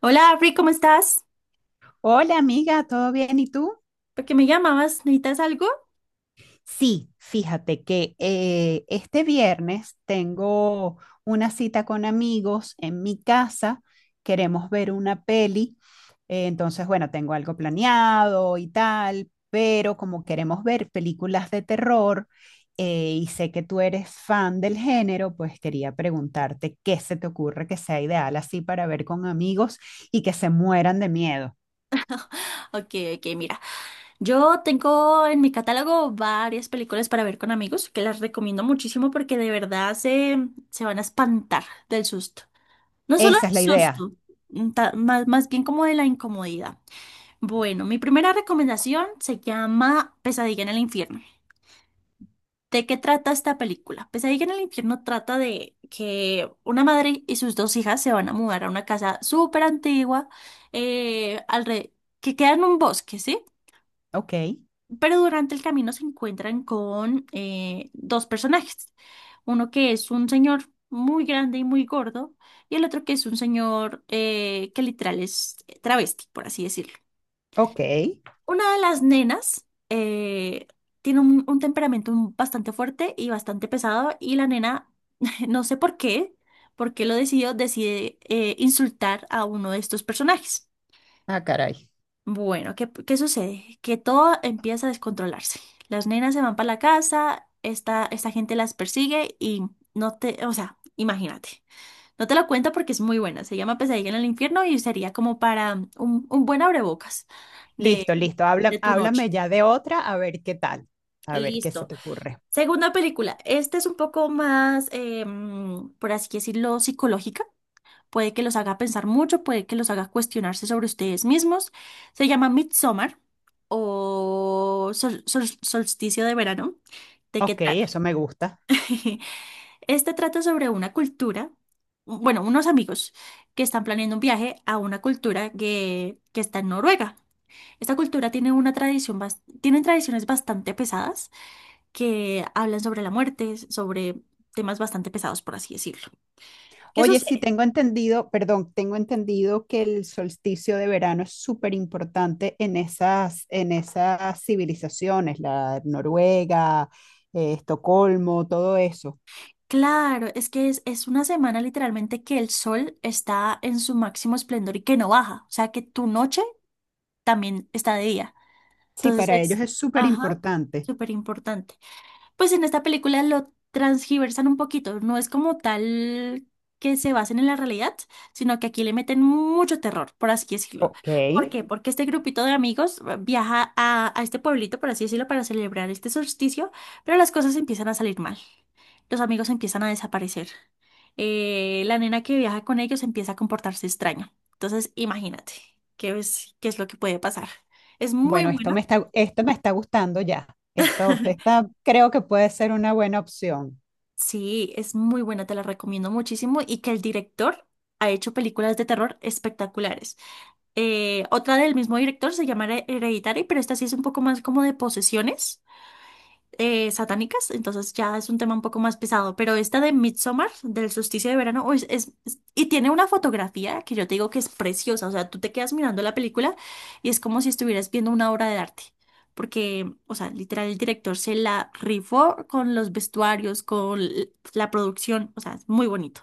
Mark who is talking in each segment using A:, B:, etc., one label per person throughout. A: Hola, Afri, ¿cómo estás?
B: Hola amiga, ¿todo bien? ¿Y tú?
A: ¿Por qué me llamabas? ¿Necesitas algo?
B: Sí, fíjate que este viernes tengo una cita con amigos en mi casa. Queremos ver una peli. Entonces, bueno, tengo algo planeado y tal, pero como queremos ver películas de terror, y sé que tú eres fan del género, pues quería preguntarte qué se te ocurre que sea ideal así para ver con amigos y que se mueran de miedo.
A: Ok, ok, mira. Yo tengo en mi catálogo varias películas para ver con amigos que las recomiendo muchísimo porque de verdad se van a espantar del susto. No solo el
B: Esa es la idea.
A: susto, más bien como de la incomodidad. Bueno, mi primera recomendación se llama Pesadilla en el Infierno. ¿De qué trata esta película? Pesadilla en el Infierno trata de que una madre y sus dos hijas se van a mudar a una casa súper antigua eh, alre- que queda en un bosque, ¿sí?
B: Ok,
A: Pero durante el camino se encuentran con dos personajes. Uno que es un señor muy grande y muy gordo y el otro que es un señor que literal es travesti, por así decirlo.
B: ok.
A: Una de las nenas tiene un temperamento bastante fuerte y bastante pesado y la nena, no sé por qué, porque lo decidió, decide insultar a uno de estos personajes.
B: Ah, caray.
A: Bueno, ¿qué sucede? Que todo empieza a descontrolarse. Las nenas se van para la casa, esta gente las persigue y no te, o sea, imagínate. No te lo cuento porque es muy buena. Se llama Pesadilla en el Infierno y sería como para un buen abrebocas
B: Listo,
A: de,
B: listo. Habla,
A: de tu
B: háblame
A: noche.
B: ya de otra, a ver qué tal, a ver qué se
A: Listo.
B: te ocurre.
A: Segunda película. Esta es un poco más, por así decirlo, psicológica. Puede que los haga pensar mucho, puede que los haga cuestionarse sobre ustedes mismos. Se llama Midsommar o Solsticio de Verano. ¿De qué
B: Ok,
A: trata?
B: eso me gusta.
A: Este trata sobre una cultura, bueno, unos amigos que están planeando un viaje a una cultura que está en Noruega. Esta cultura tiene una tradición, tienen tradiciones bastante pesadas que hablan sobre la muerte, sobre temas bastante pesados, por así decirlo. ¿Qué
B: Oye, sí,
A: sucede?
B: tengo entendido, perdón, tengo entendido que el solsticio de verano es súper importante en esas civilizaciones, la Noruega, Estocolmo, todo eso.
A: Claro, es que es una semana literalmente que el sol está en su máximo esplendor y que no baja, o sea que tu noche también está de día.
B: Sí,
A: Entonces
B: para ellos
A: es,
B: es súper
A: ajá,
B: importante.
A: súper importante. Pues en esta película lo transgiversan un poquito, no es como tal que se basen en la realidad, sino que aquí le meten mucho terror, por así decirlo.
B: Ok,
A: ¿Por qué? Porque este grupito de amigos viaja a este pueblito, por así decirlo, para celebrar este solsticio, pero las cosas empiezan a salir mal. Los amigos empiezan a desaparecer. La nena que viaja con ellos empieza a comportarse extraño. Entonces, imagínate qué es lo que puede pasar. Es muy
B: bueno,
A: bueno.
B: esto me está gustando ya. Esto, esta creo que puede ser una buena opción.
A: Sí, es muy buena, te la recomiendo muchísimo y que el director ha hecho películas de terror espectaculares. Otra del mismo director se llama Hereditary, pero esta sí es un poco más como de posesiones satánicas, entonces ya es un tema un poco más pesado, pero esta de Midsommar, del solsticio de verano, uy, y tiene una fotografía que yo te digo que es preciosa, o sea, tú te quedas mirando la película y es como si estuvieras viendo una obra de arte, porque, o sea, literal, el director se la rifó con los vestuarios, con la producción, o sea, es muy bonito.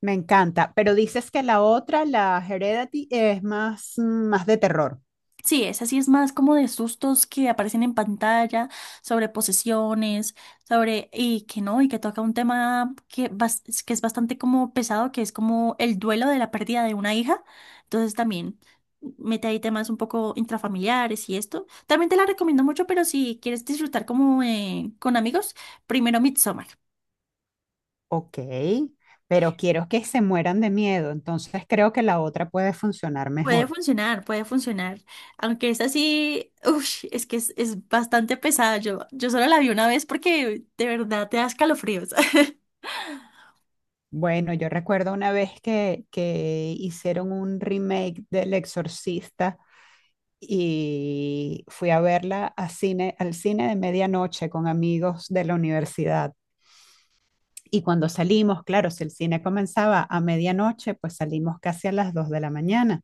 B: Me encanta, pero dices que la otra, la Heredity, es más, mm, más de terror.
A: Sí, esa sí es más como de sustos que aparecen en pantalla, sobre posesiones, sobre, y que no, y que toca un tema que es bastante como pesado, que es como el duelo de la pérdida de una hija. Entonces también mete ahí temas un poco intrafamiliares y esto. También te la recomiendo mucho, pero si quieres disfrutar como con amigos, primero Midsommar.
B: Ok, pero quiero que se mueran de miedo, entonces creo que la otra puede funcionar
A: Puede
B: mejor.
A: funcionar, puede funcionar. Aunque es así, uff, es que es bastante pesada. Yo solo la vi una vez porque de verdad te da escalofríos.
B: Bueno, yo recuerdo una vez que hicieron un remake del Exorcista y fui a verla a cine, al cine de medianoche con amigos de la universidad. Y cuando salimos, claro, si el cine comenzaba a medianoche, pues salimos casi a las 2 de la mañana.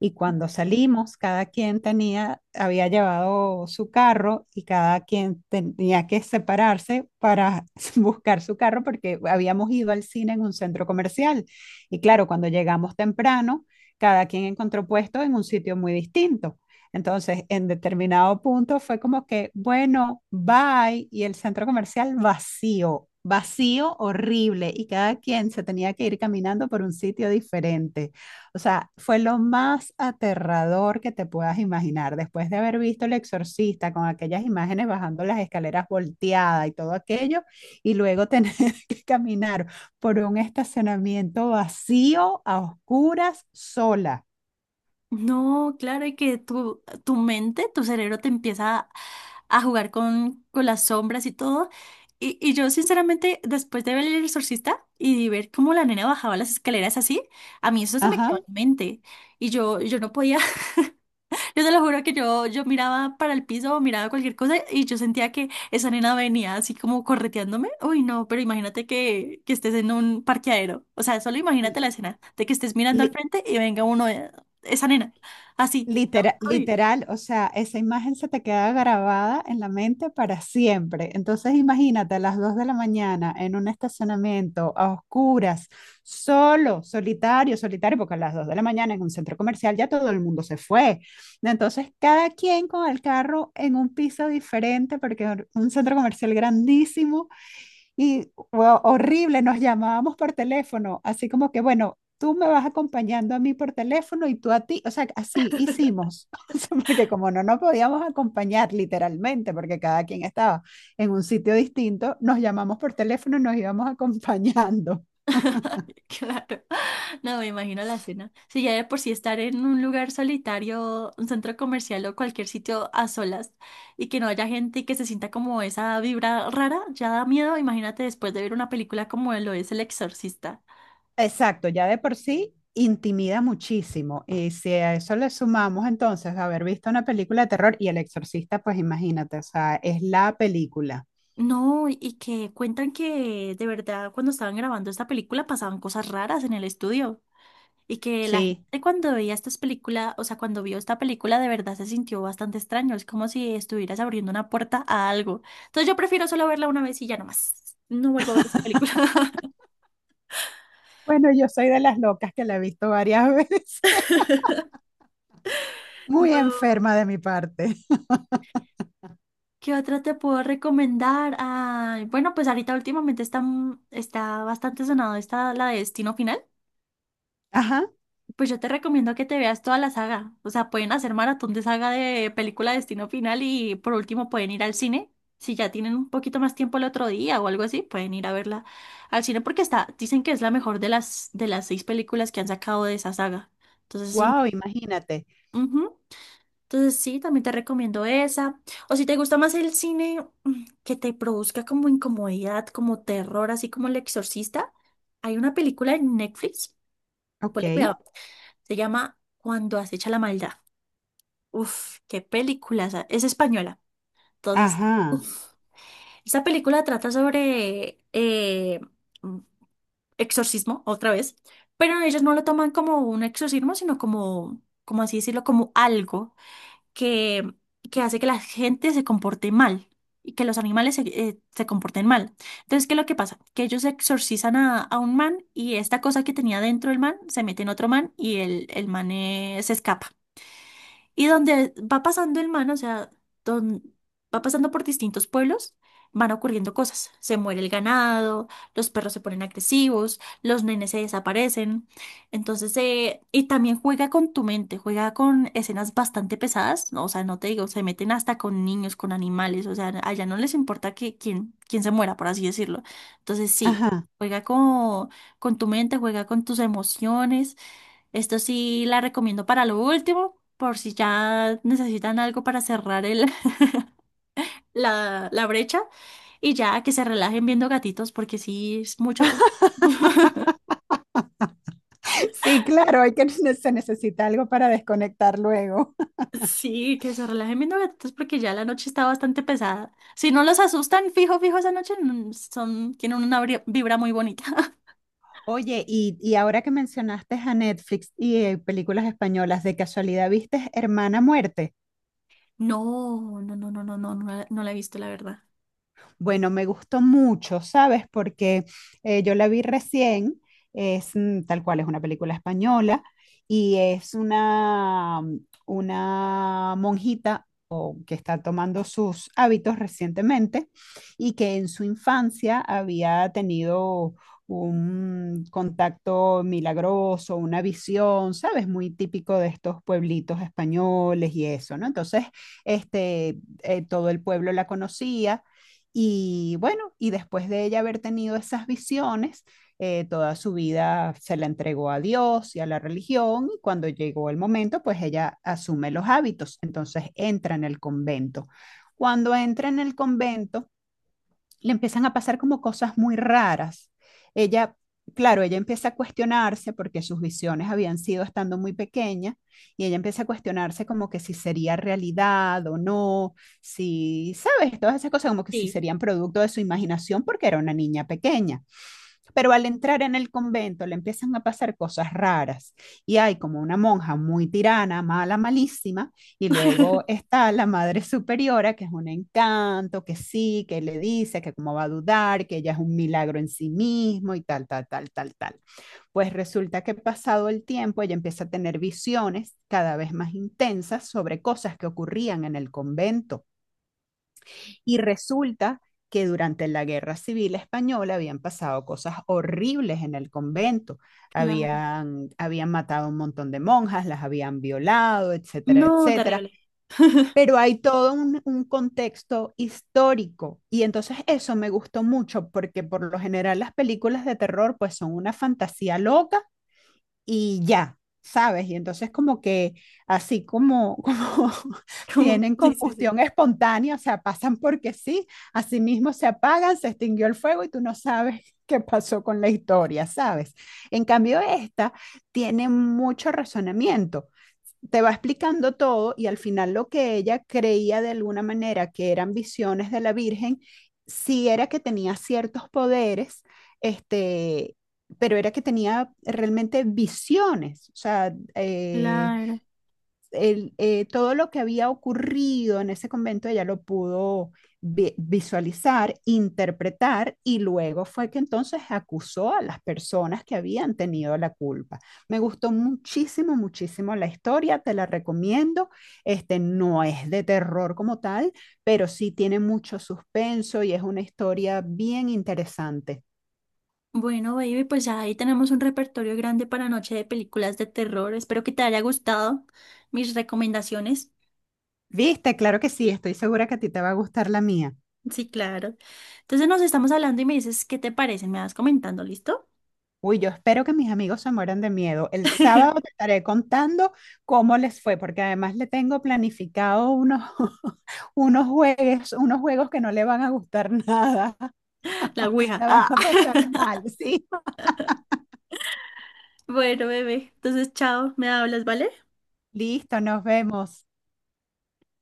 B: Y cuando salimos, cada quien tenía, había llevado su carro y cada quien tenía que separarse para buscar su carro porque habíamos ido al cine en un centro comercial. Y claro, cuando llegamos temprano, cada quien encontró puesto en un sitio muy distinto. Entonces, en determinado punto fue como que, bueno, bye, y el centro comercial vacío, vacío, horrible, y cada quien se tenía que ir caminando por un sitio diferente. O sea, fue lo más aterrador que te puedas imaginar. Después de haber visto El Exorcista con aquellas imágenes bajando las escaleras volteadas y todo aquello, y luego tener que caminar por un estacionamiento vacío, a oscuras, sola.
A: No, claro, y que tu mente, tu cerebro te empieza a jugar con las sombras y todo. Y yo, sinceramente, después de ver El Exorcista y ver cómo la nena bajaba las escaleras así, a mí eso se me quedó
B: Ajá.
A: en mente. Yo no podía, yo te lo juro que yo miraba para el piso, miraba cualquier cosa y yo sentía que esa nena venía así como correteándome. Uy, no, pero imagínate que estés en un parqueadero. O sea, solo
B: Y
A: imagínate la escena de que estés mirando al
B: li-
A: frente y venga uno, esa nena, así.
B: literal,
A: Uy.
B: literal, o sea, esa imagen se te queda grabada en la mente para siempre. Entonces, imagínate a las 2 de la mañana en un estacionamiento a oscuras, solo, solitario, solitario, porque a las 2 de la mañana en un centro comercial ya todo el mundo se fue. Entonces, cada quien con el carro en un piso diferente, porque es un centro comercial grandísimo y fue horrible, nos llamábamos por teléfono, así como que, bueno, tú me vas acompañando a mí por teléfono y tú a ti, o sea, así hicimos. O sea, porque como no nos podíamos acompañar literalmente, porque cada quien estaba en un sitio distinto, nos llamamos por teléfono y nos íbamos acompañando.
A: Claro, no me imagino la escena. Si ya de por sí estar en un lugar solitario, un centro comercial o cualquier sitio a solas y que no haya gente y que se sienta como esa vibra rara, ya da miedo. Imagínate después de ver una película como lo es El Exorcista.
B: Exacto, ya de por sí intimida muchísimo. Y si a eso le sumamos entonces haber visto una película de terror y El Exorcista, pues imagínate, o sea, es la película.
A: No, y que cuentan que de verdad cuando estaban grabando esta película pasaban cosas raras en el estudio. Y que la
B: Sí,
A: gente cuando veía estas películas, o sea, cuando vio esta película, de verdad se sintió bastante extraño. Es como si estuvieras abriendo una puerta a algo. Entonces yo prefiero solo verla una vez y ya no más. No vuelvo a ver esa película.
B: bueno, yo soy de las locas que la he visto varias veces. Muy
A: No.
B: enferma de mi parte.
A: ¿Qué otra te puedo recomendar? Ay, bueno, pues ahorita últimamente está bastante sonado esta, la de Destino Final.
B: Ajá.
A: Pues yo te recomiendo que te veas toda la saga. O sea, pueden hacer maratón de saga de película Destino Final y por último pueden ir al cine. Si ya tienen un poquito más tiempo el otro día o algo así, pueden ir a verla al cine porque está, dicen que es la mejor de de las seis películas que han sacado de esa saga. Entonces, sí,
B: Wow, imagínate.
A: ujú. Entonces sí, también te recomiendo esa. O si te gusta más el cine que te produzca como incomodidad, como terror, así como El Exorcista, hay una película en Netflix.
B: Ok.
A: Ponle cuidado, se llama Cuando Acecha la Maldad. Uf, qué película. Es española. Entonces,
B: Ajá.
A: esta película trata sobre mm, exorcismo, otra vez, pero ellos no lo toman como un exorcismo, sino como, como así decirlo, como algo que, que hace que la gente se comporte mal y que los animales se comporten mal. Entonces, ¿qué es lo que pasa? Que ellos exorcizan a un man y esta cosa que tenía dentro el man se mete en otro man y el man se escapa. Y donde va pasando el man, o sea, don- va pasando por distintos pueblos, van ocurriendo cosas. Se muere el ganado, los perros se ponen agresivos, los nenes se desaparecen. Entonces, y también juega con tu mente, juega con escenas bastante pesadas, ¿no? O sea, no te digo, se meten hasta con niños, con animales. O sea, allá no les importa quién se muera, por así decirlo. Entonces, sí,
B: Ajá.
A: juega con tu mente, juega con tus emociones. Esto sí la recomiendo para lo último, por si ya necesitan algo para cerrar la brecha y ya que se relajen viendo gatitos, porque sí es mucho.
B: Sí, claro, hay que se necesita algo para desconectar luego.
A: Sí, que se relajen viendo gatitos porque ya la noche está bastante pesada. Si no los asustan, fijo, fijo, esa noche son, tienen una vibra muy bonita.
B: Oye, y ahora que mencionaste a Netflix y películas españolas, ¿de casualidad viste Hermana Muerte?
A: No, no, no, no, no, no, no, la no la he visto, la verdad.
B: Bueno, me gustó mucho, ¿sabes? Porque yo la vi recién, es mm, tal cual, es una película española y es una monjita o que está tomando sus hábitos recientemente y que en su infancia había tenido un contacto milagroso, una visión, ¿sabes? Muy típico de estos pueblitos españoles y eso, ¿no? Entonces, este, todo el pueblo la conocía y bueno, y después de ella haber tenido esas visiones, toda su vida se la entregó a Dios y a la religión, y cuando llegó el momento, pues ella asume los hábitos, entonces entra en el convento. Cuando entra en el convento, le empiezan a pasar como cosas muy raras. Ella, claro, ella empieza a cuestionarse porque sus visiones habían sido estando muy pequeña y ella empieza a cuestionarse como que si sería realidad o no, si, sabes, todas esas cosas como que si
A: Sí.
B: serían producto de su imaginación porque era una niña pequeña. Pero al entrar en el convento le empiezan a pasar cosas raras y hay como una monja muy tirana, mala, malísima, y luego está la madre superiora, que es un encanto, que sí, que le dice que cómo va a dudar, que ella es un milagro en sí mismo y tal, tal, tal, tal, tal. Pues resulta que pasado el tiempo ella empieza a tener visiones cada vez más intensas sobre cosas que ocurrían en el convento y resulta que durante la Guerra Civil Española habían pasado cosas horribles en el convento.
A: Claro.
B: Habían, habían matado a un montón de monjas, las habían violado, etcétera,
A: No,
B: etcétera.
A: terrible.
B: Pero hay todo un contexto histórico y entonces eso me gustó mucho porque por lo general las películas de terror pues son una fantasía loca y ya, ¿sabes? Y entonces como que así como, como tienen
A: Sí, sí, sí.
B: combustión espontánea, o sea, pasan porque sí, así mismo se apagan, se extinguió el fuego y tú no sabes qué pasó con la historia, ¿sabes? En cambio, esta tiene mucho razonamiento, te va explicando todo y al final lo que ella creía de alguna manera que eran visiones de la Virgen, sí era que tenía ciertos poderes, este, pero era que tenía realmente visiones, o sea,
A: Claro.
B: todo lo que había ocurrido en ese convento ella lo pudo visualizar, interpretar y luego fue que entonces acusó a las personas que habían tenido la culpa. Me gustó muchísimo, muchísimo la historia, te la recomiendo. Este no es de terror como tal, pero sí tiene mucho suspenso y es una historia bien interesante.
A: Bueno, baby, pues ya ahí tenemos un repertorio grande para noche de películas de terror. Espero que te haya gustado mis recomendaciones.
B: ¿Viste? Claro que sí, estoy segura que a ti te va a gustar la mía.
A: Sí, claro. Entonces nos estamos hablando y me dices qué te parece. Me vas comentando, ¿listo?
B: Uy, yo espero que mis amigos se mueran de miedo. El sábado te estaré contando cómo les fue, porque además le tengo planificado unos, unos juegos que no le van a gustar nada.
A: La ouija.
B: La van
A: Ah.
B: a pasar mal, ¿sí?
A: Bueno, bebé. Entonces, chao. Me hablas, ¿vale?
B: Listo, nos vemos.